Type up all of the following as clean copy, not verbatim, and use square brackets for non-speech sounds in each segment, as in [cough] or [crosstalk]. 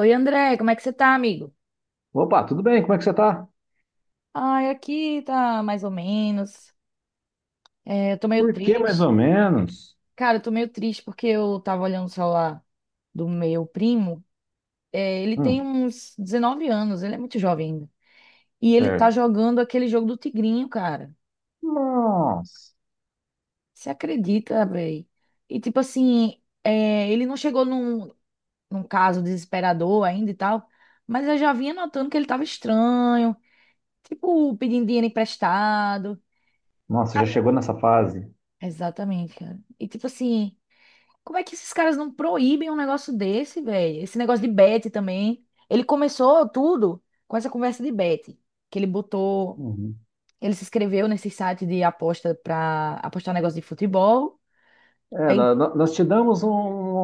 Oi, André, como é que você tá, amigo? Opa, tudo bem? Como é que você tá? Ai, aqui tá mais ou menos. É, eu tô meio Por que mais triste. ou menos? Cara, eu tô meio triste porque eu tava olhando o celular do meu primo. É, ele tem Hum, uns 19 anos, ele é muito jovem ainda. E ele tá certo. jogando aquele jogo do Tigrinho, cara. Nossa, Você acredita, véi? E tipo assim, é, ele não chegou num caso desesperador ainda e tal, mas eu já vinha notando que ele tava estranho, tipo, pedindo dinheiro emprestado. nossa, já chegou nessa fase. Exatamente, cara. E tipo assim, como é que esses caras não proíbem um negócio desse, velho? Esse negócio de bet também. Ele começou tudo com essa conversa de bet, que ele botou, Uhum. ele se inscreveu nesse site de aposta pra apostar negócio de futebol. É, Aí nós te damos um-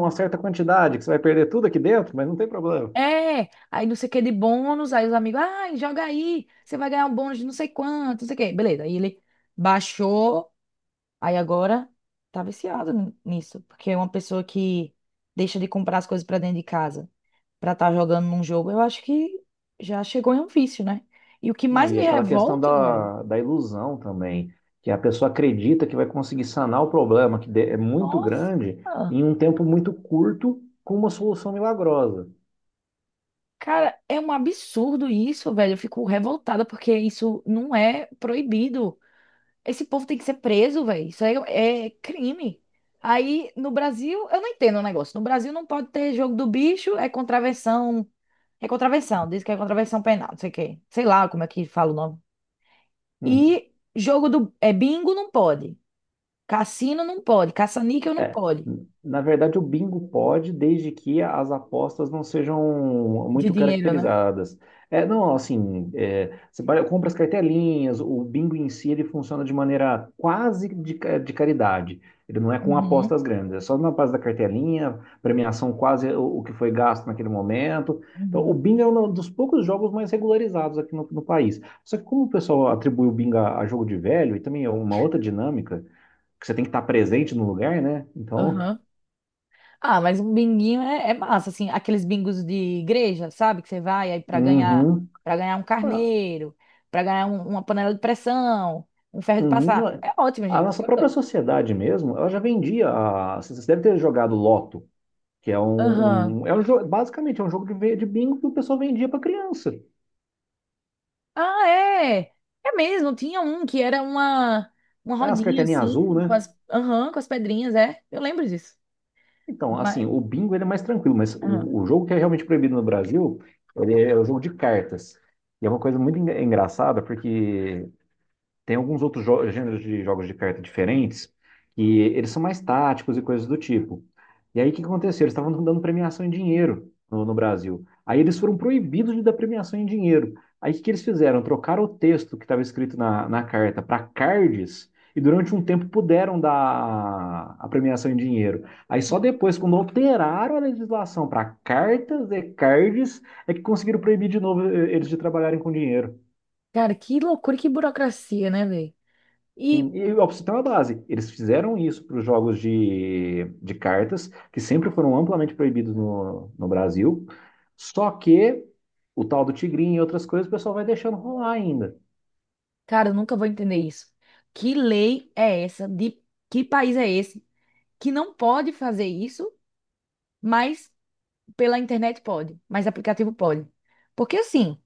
uma certa quantidade, que você vai perder tudo aqui dentro, mas não tem problema. aí não sei o que de bônus, aí os amigos, ai, joga aí, você vai ganhar um bônus de não sei quanto, não sei o que. Beleza, aí ele baixou, aí agora tá viciado nisso, porque é uma pessoa que deixa de comprar as coisas pra dentro de casa para estar jogando num jogo, eu acho que já chegou em um vício, né? E o que Não, mais e me aquela questão revolta, velho, da ilusão também, que a pessoa acredita que vai conseguir sanar o problema, é muito nossa, grande, em um tempo muito curto, com uma solução milagrosa. cara, é um absurdo isso, velho. Eu fico revoltada porque isso não é proibido. Esse povo tem que ser preso, velho. Isso aí é crime. Aí no Brasil, eu não entendo o negócio. No Brasil não pode ter jogo do bicho, é contravenção. É contravenção, diz que é contravenção penal, não sei o quê. Sei lá como é que fala o nome. Uhum. E jogo do. É bingo não pode. Cassino não pode, caça-níquel não É, pode. na verdade, o bingo pode, desde que as apostas não sejam De muito dinheiro, né? caracterizadas. É, não, assim, compra as cartelinhas, o bingo em si ele funciona de maneira quase de caridade. Ele não é com Uhum, apostas grandes, é só na base da cartelinha, premiação quase o que foi gasto naquele momento. Então, o uhum, bingo é um dos poucos jogos mais regularizados aqui no país. Só que como o pessoal atribui o bingo a jogo de velho, e também é uma outra dinâmica, que você tem que estar presente no lugar, né? Então, uhum. Ah, mas um binguinho é massa, assim, aqueles bingos de igreja, sabe? Que você vai aí para ganhar, uhum, para ganhar um ah, carneiro, para ganhar uma panela de pressão, um ferro de passar. uhum. É ótimo, A gente. nossa Eu própria adoro. sociedade mesmo, ela já vendia. Você deve ter jogado Loto, que é Aham. é um jogo, basicamente é um jogo de bingo que o pessoal vendia para criança. Ah, é. É mesmo, tinha um que era uma É as rodinha cartelinhas azul, assim, com né? as, aham, com as pedrinhas, é. Eu lembro disso. Então, assim, Mas, o bingo ele é mais tranquilo, mas aham. o jogo que é realmente proibido no Brasil, ele é o jogo de cartas. E é uma coisa muito engraçada, porque tem alguns outros gêneros de jogos de carta diferentes e eles são mais táticos e coisas do tipo. E aí o que que aconteceu? Eles estavam dando premiação em dinheiro no Brasil. Aí eles foram proibidos de dar premiação em dinheiro. Aí o que que eles fizeram? Trocaram o texto que estava escrito na carta para cards e durante um tempo puderam dar a premiação em dinheiro. Aí só depois, quando alteraram a legislação para cartas e cards, é que conseguiram proibir de novo eles de trabalharem com dinheiro. Cara, que loucura, que burocracia, né, velho? Sim, E e o Opsitão é a base. Eles fizeram isso para os jogos de cartas, que sempre foram amplamente proibidos no Brasil. Só que o tal do tigrinho e outras coisas, o pessoal vai deixando rolar ainda. Cara, eu nunca vou entender isso. Que lei é essa? De que país é esse que não pode fazer isso, mas pela internet pode, mas aplicativo pode? Porque assim,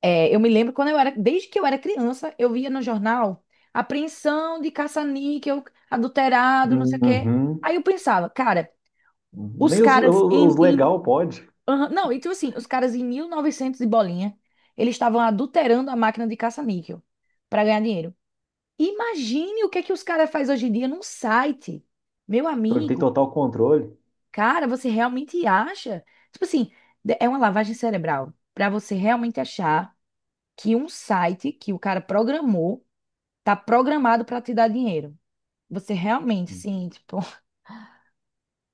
é, eu me lembro quando eu era, desde que eu era criança, eu via no jornal apreensão de caça-níquel, adulterado, não sei o quê. Uhum. Aí eu pensava, cara, os Nem os, os, caras em, os em- legal pode, aham, não, então assim, os caras em 1900 e bolinha, eles estavam adulterando a máquina de caça-níquel para ganhar dinheiro. Imagine o que é que os caras fazem hoje em dia num site. Meu porque tem amigo, total controle. cara, você realmente acha? Tipo assim, é uma lavagem cerebral para você realmente achar que um site que o cara programou tá programado para te dar dinheiro. Você realmente, sim, tipo, [laughs]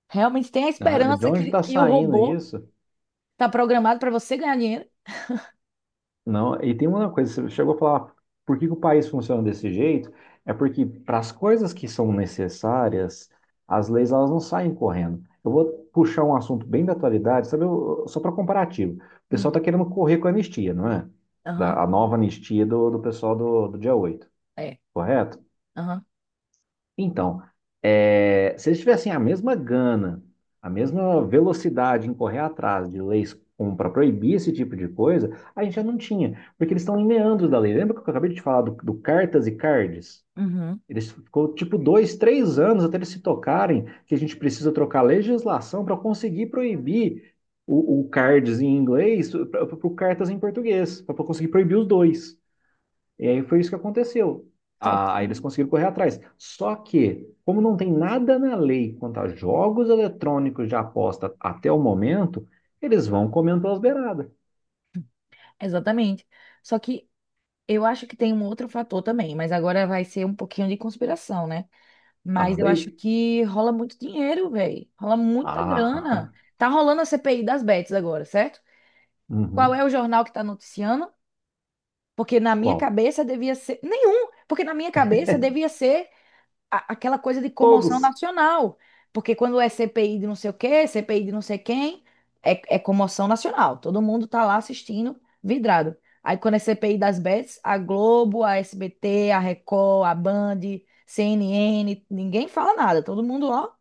realmente tem a Ah, de esperança onde que, está que o saindo robô isso? tá programado para você ganhar dinheiro? Não, e tem uma coisa, você chegou a falar, por que que o país funciona desse jeito? É porque para as coisas que são necessárias, as leis elas não saem correndo. Eu vou puxar um assunto bem da atualidade, sabe, só para comparativo. O pessoal está Hum, querendo correr com a anistia, não é? aham, A nova anistia do pessoal do dia 8, é, correto? aham, Então, se eles tivessem a mesma gana, a mesma velocidade em correr atrás de leis para proibir esse tipo de coisa, a gente já não tinha, porque eles estão em meandros da lei. Lembra que eu acabei de te falar do cartas e cards? uhum. Eles ficou tipo dois, três anos até eles se tocarem que a gente precisa trocar a legislação para conseguir proibir o cards em inglês para o cartas em português, para conseguir proibir os dois. E aí foi isso que aconteceu. Só Ah, que, aí eles conseguiram correr atrás. Só que, como não tem nada na lei quanto a jogos eletrônicos de aposta até o momento, eles vão comendo pelas beiradas. exatamente. Só que eu acho que tem um outro fator também, mas agora vai ser um pouquinho de conspiração, né? Ah, Mas eu manda acho aí. que rola muito dinheiro, velho. Rola muita grana. Ah, Tá rolando a CPI das bets agora, certo? [laughs] Qual uhum. é o jornal que tá noticiando? Porque na minha Qual? cabeça devia ser. Nenhum! Porque na minha cabeça devia ser aquela coisa de comoção Todos. nacional. Porque quando é CPI de não sei o quê, CPI de não sei quem, é comoção nacional. Todo mundo tá lá assistindo, vidrado. Aí quando é CPI das bets, a Globo, a SBT, a Record, a Band, CNN, ninguém fala nada. Todo mundo, ó,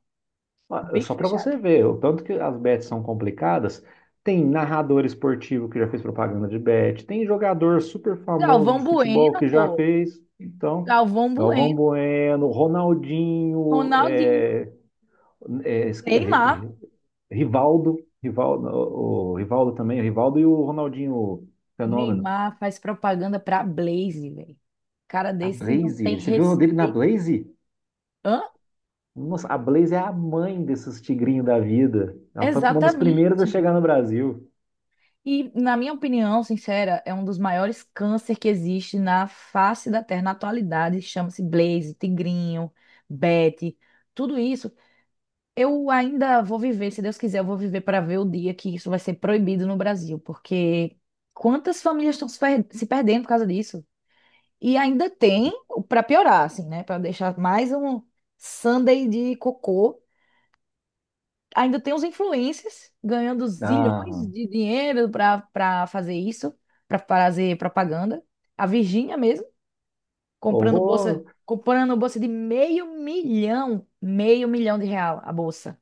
Ah, bico só para fechado. você ver, o tanto que as bets são complicadas. Tem narrador esportivo que já fez propaganda de bet, tem jogador super famoso de Galvão futebol Bueno, que já pô. fez. Então, Galvão Galvão Bueno, Bueno, Ronaldinho, Ronaldinho, é, Neymar. eh, eh, Rivaldo, o Rivaldo também, o Rivaldo e o Ronaldinho Fenômeno. Neymar faz propaganda pra Blaze, velho. Cara A desse não tem Blaze, você viu o nome dele na respeito. Blaze? Hã? Nossa, a Blaze é a mãe desses tigrinhos da vida. Ela foi uma das primeiras a Exatamente. chegar no Brasil. E, na minha opinião, sincera, é um dos maiores câncer que existe na face da Terra na atualidade. Chama-se Blaze, Tigrinho, Betty, tudo isso. Eu ainda vou viver, se Deus quiser, eu vou viver para ver o dia que isso vai ser proibido no Brasil, porque quantas famílias estão se perdendo por causa disso? E ainda tem, para piorar, assim, né? Para deixar mais um Sunday de cocô. Ainda tem os influencers ganhando zilhões Ah, de dinheiro para fazer isso, para fazer propaganda. A Virgínia mesmo horror! comprando bolsa de meio milhão de real a bolsa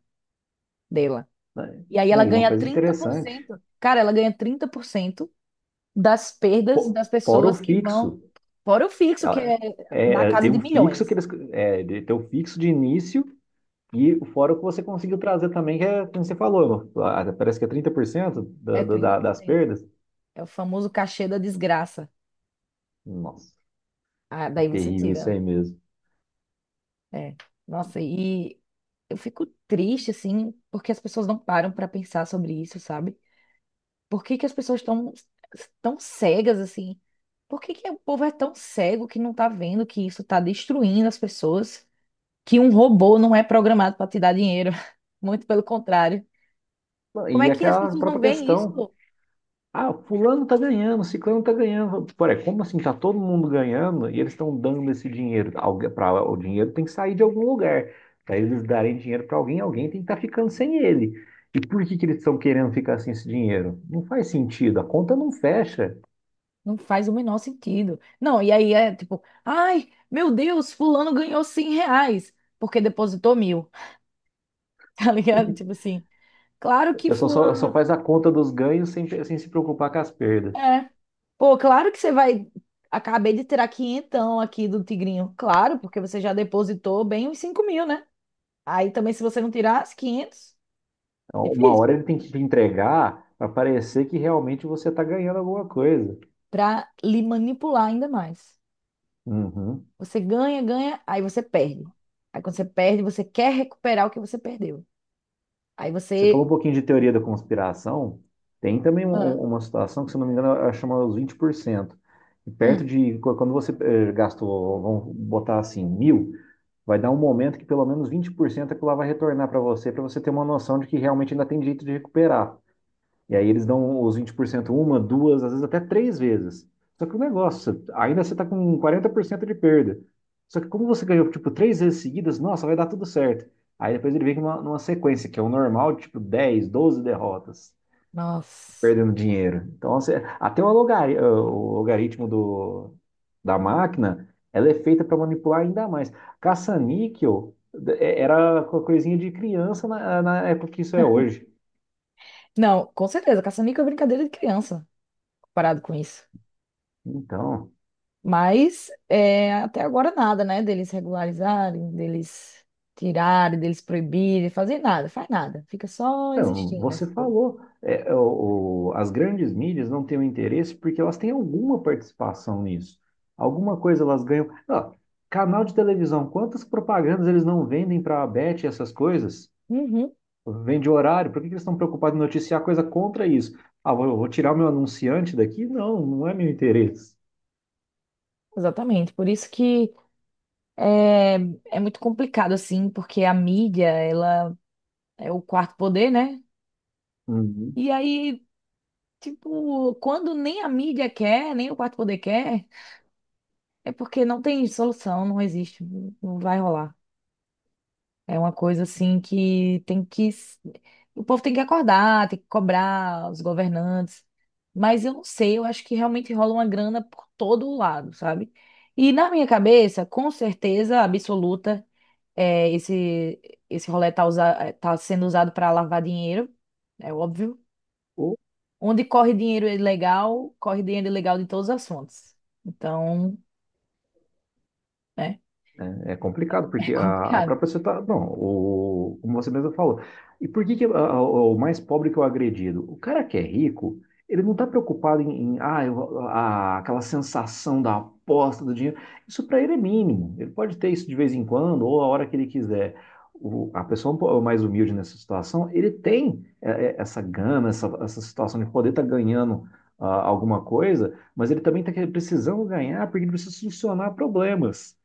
dela. Né, E aí ela né, e uma ganha coisa trinta por interessante, cento, cara, ela ganha 30% das perdas fo- das fora o pessoas que vão fixo. fora o fixo, que Ela- é na casa Tem de um fixo que milhões. eles, tem o fixo de início. E fora o que você conseguiu trazer também, que é, como você falou, parece que é 30% É da, da, trinta da- por das cento. perdas. É o famoso cachê da desgraça. Nossa, Ah, é daí você terrível tira, isso né? aí mesmo. É. Nossa, e eu fico triste, assim, porque as pessoas não param pra pensar sobre isso, sabe? Por que que as pessoas estão tão cegas, assim? Por que que o povo é tão cego que não tá vendo que isso tá destruindo as pessoas? Que um robô não é programado pra te dar dinheiro. [laughs] Muito pelo contrário. Como é E que as aquela pessoas não própria veem questão. isso? Ah, fulano tá ganhando, ciclano tá ganhando. Porra, como assim? Tá todo mundo ganhando e eles estão dando esse dinheiro. O dinheiro tem que sair de algum lugar. Para eles darem dinheiro para alguém, alguém tem que estar ficando sem ele. E por que que eles estão querendo ficar sem esse dinheiro? Não faz sentido, a conta não fecha. Não faz o menor sentido. Não, e aí é tipo, ai, meu Deus, fulano ganhou 100 reais porque depositou mil, [laughs] tá ligado? Tipo assim. Claro O que pessoal só fulano faz a conta dos ganhos sem se preocupar com as perdas. é. Pô, claro que você vai. Acabei de tirar quinhentão aqui do Tigrinho. Claro, porque você já depositou bem uns 5.000, né? Aí também, se você não tirar as 500 Então, uma difícil. hora ele tem que te entregar para parecer que realmente você está ganhando alguma coisa. Pra lhe manipular ainda mais. Uhum. Você ganha, ganha, aí você perde. Aí quando você perde, você quer recuperar o que você perdeu. Aí Você falou você. um pouquinho de teoria da conspiração. Tem também um- Ah, um- uma situação que, se eu não me engano, ela chama os 20%. E perto hum, de quando você gastou, vamos botar assim, mil, vai dar um momento que pelo menos 20% aquilo lá vai retornar para você ter uma noção de que realmente ainda tem jeito de recuperar. E aí eles dão os 20% uma, duas, às vezes até três vezes. Só que o negócio, ainda você está com 40% de perda. Só que como você ganhou, tipo, três vezes seguidas, nossa, vai dar tudo certo. Aí depois ele vem numa, numa sequência, que é o normal, tipo, 10, 12 derrotas, nossa. perdendo dinheiro. Então, você, até o logaritmo do, da máquina, ela é feita para manipular ainda mais. Caça-níquel era coisinha de criança na época que isso é hoje. Não, com certeza, caça-níquel é brincadeira de criança, comparado com isso. Então, Mas é, até agora nada, né? Deles regularizarem, deles tirarem, deles proibirem, fazer nada, faz nada. Fica só não, existindo você esse povo. falou, as grandes mídias não têm o interesse porque elas têm alguma participação nisso. Alguma coisa elas ganham. Ó, canal de televisão, quantas propagandas eles não vendem para a Bet e essas coisas? Uhum, Vende horário, por que que eles estão preocupados em noticiar coisa contra isso? Ah, vou tirar o meu anunciante daqui? Não, não é meu interesse. exatamente. Por isso que é, é muito complicado, assim, porque a mídia, ela é o quarto poder, né? Uhum. E aí, tipo, quando nem a mídia quer, nem o quarto poder quer, é porque não tem solução, não existe, não vai rolar. É uma coisa assim que tem que. O povo tem que acordar, tem que cobrar os governantes. Mas eu não sei, eu acho que realmente rola uma grana por todo lado, sabe? E na minha cabeça, com certeza absoluta, é, esse rolê tá sendo usado para lavar dinheiro, é óbvio. Onde corre dinheiro ilegal de todas as fontes. Então, né, É [laughs] complicado, é porque a complicado. própria sociedade. Não, como você mesmo falou. E por que, que o mais pobre que é o agredido? O cara que é rico, ele não está preocupado em aquela sensação da aposta do dinheiro. Isso para ele é mínimo. Ele pode ter isso de vez em quando, ou a hora que ele quiser. A pessoa um mais humilde nessa situação, ele tem essa gana, essa situação de poder estar ganhando alguma coisa, mas ele também está precisando ganhar porque ele precisa solucionar problemas.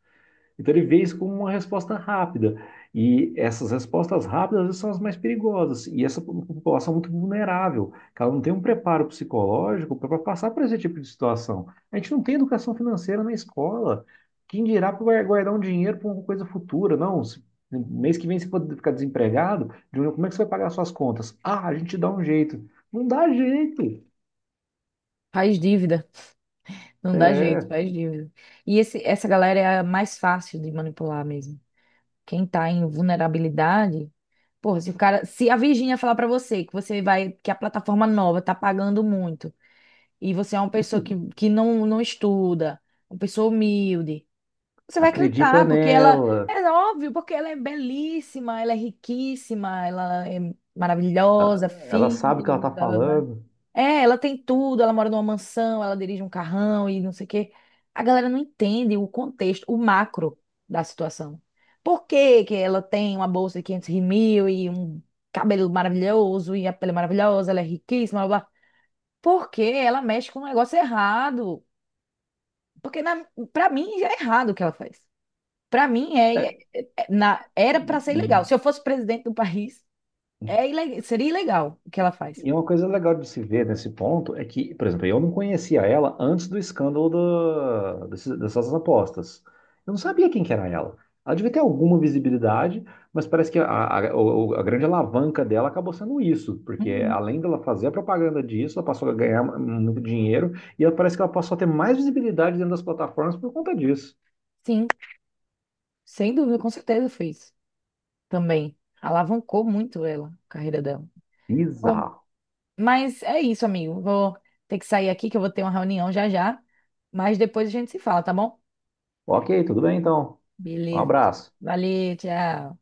Então ele vê isso como uma resposta rápida. E essas respostas rápidas às vezes, são as mais perigosas. E essa população é muito vulnerável, que ela não tem um preparo psicológico para passar por esse tipo de situação. A gente não tem educação financeira na escola. Quem dirá para guardar um dinheiro para uma coisa futura? Não, mês que vem você pode ficar desempregado, Júnior, como é que você vai pagar suas contas? Ah, a gente dá um jeito. Não dá jeito. Faz dívida. Não dá jeito, É, faz dívida. E essa galera é a mais fácil de manipular mesmo. Quem tá em vulnerabilidade, porra, se o cara, se a Virgínia falar pra você que você vai, que a plataforma nova tá pagando muito e você é uma pessoa que não estuda, uma pessoa humilde, você vai acredita acreditar, porque ela nela. é óbvio, porque ela é belíssima, ela é riquíssima, ela é A- maravilhosa, Ela sabe filha, o que ela está falando. é, ela tem tudo, ela mora numa mansão, ela dirige um carrão e não sei o quê. A galera não entende o contexto, o macro da situação. Por que que ela tem uma bolsa de 500 mil e um cabelo maravilhoso e a pele maravilhosa, ela é riquíssima, blá, blá. Porque ela mexe com um negócio errado. Porque na, Pra mim já é errado o que ela faz. Pra mim É, era pra ser e ilegal. Se eu fosse presidente do país, seria ilegal o que ela faz. E uma coisa legal de se ver nesse ponto é que, por exemplo, eu não conhecia ela antes do escândalo dessas apostas. Eu não sabia quem que era ela. Ela devia ter alguma visibilidade, mas parece que a grande alavanca dela acabou sendo isso, porque Uhum. além dela fazer a propaganda disso, ela passou a ganhar muito dinheiro e ela parece que ela passou a ter mais visibilidade dentro das plataformas por conta disso. Sim, sem dúvida, com certeza fez. Também alavancou muito ela, a carreira dela. Bom, Bizarro. mas é isso, amigo. Vou ter que sair aqui, que eu vou ter uma reunião já já. Mas depois a gente se fala, tá bom? Ok, tudo bem então. Um Beleza. abraço. Valeu, tchau.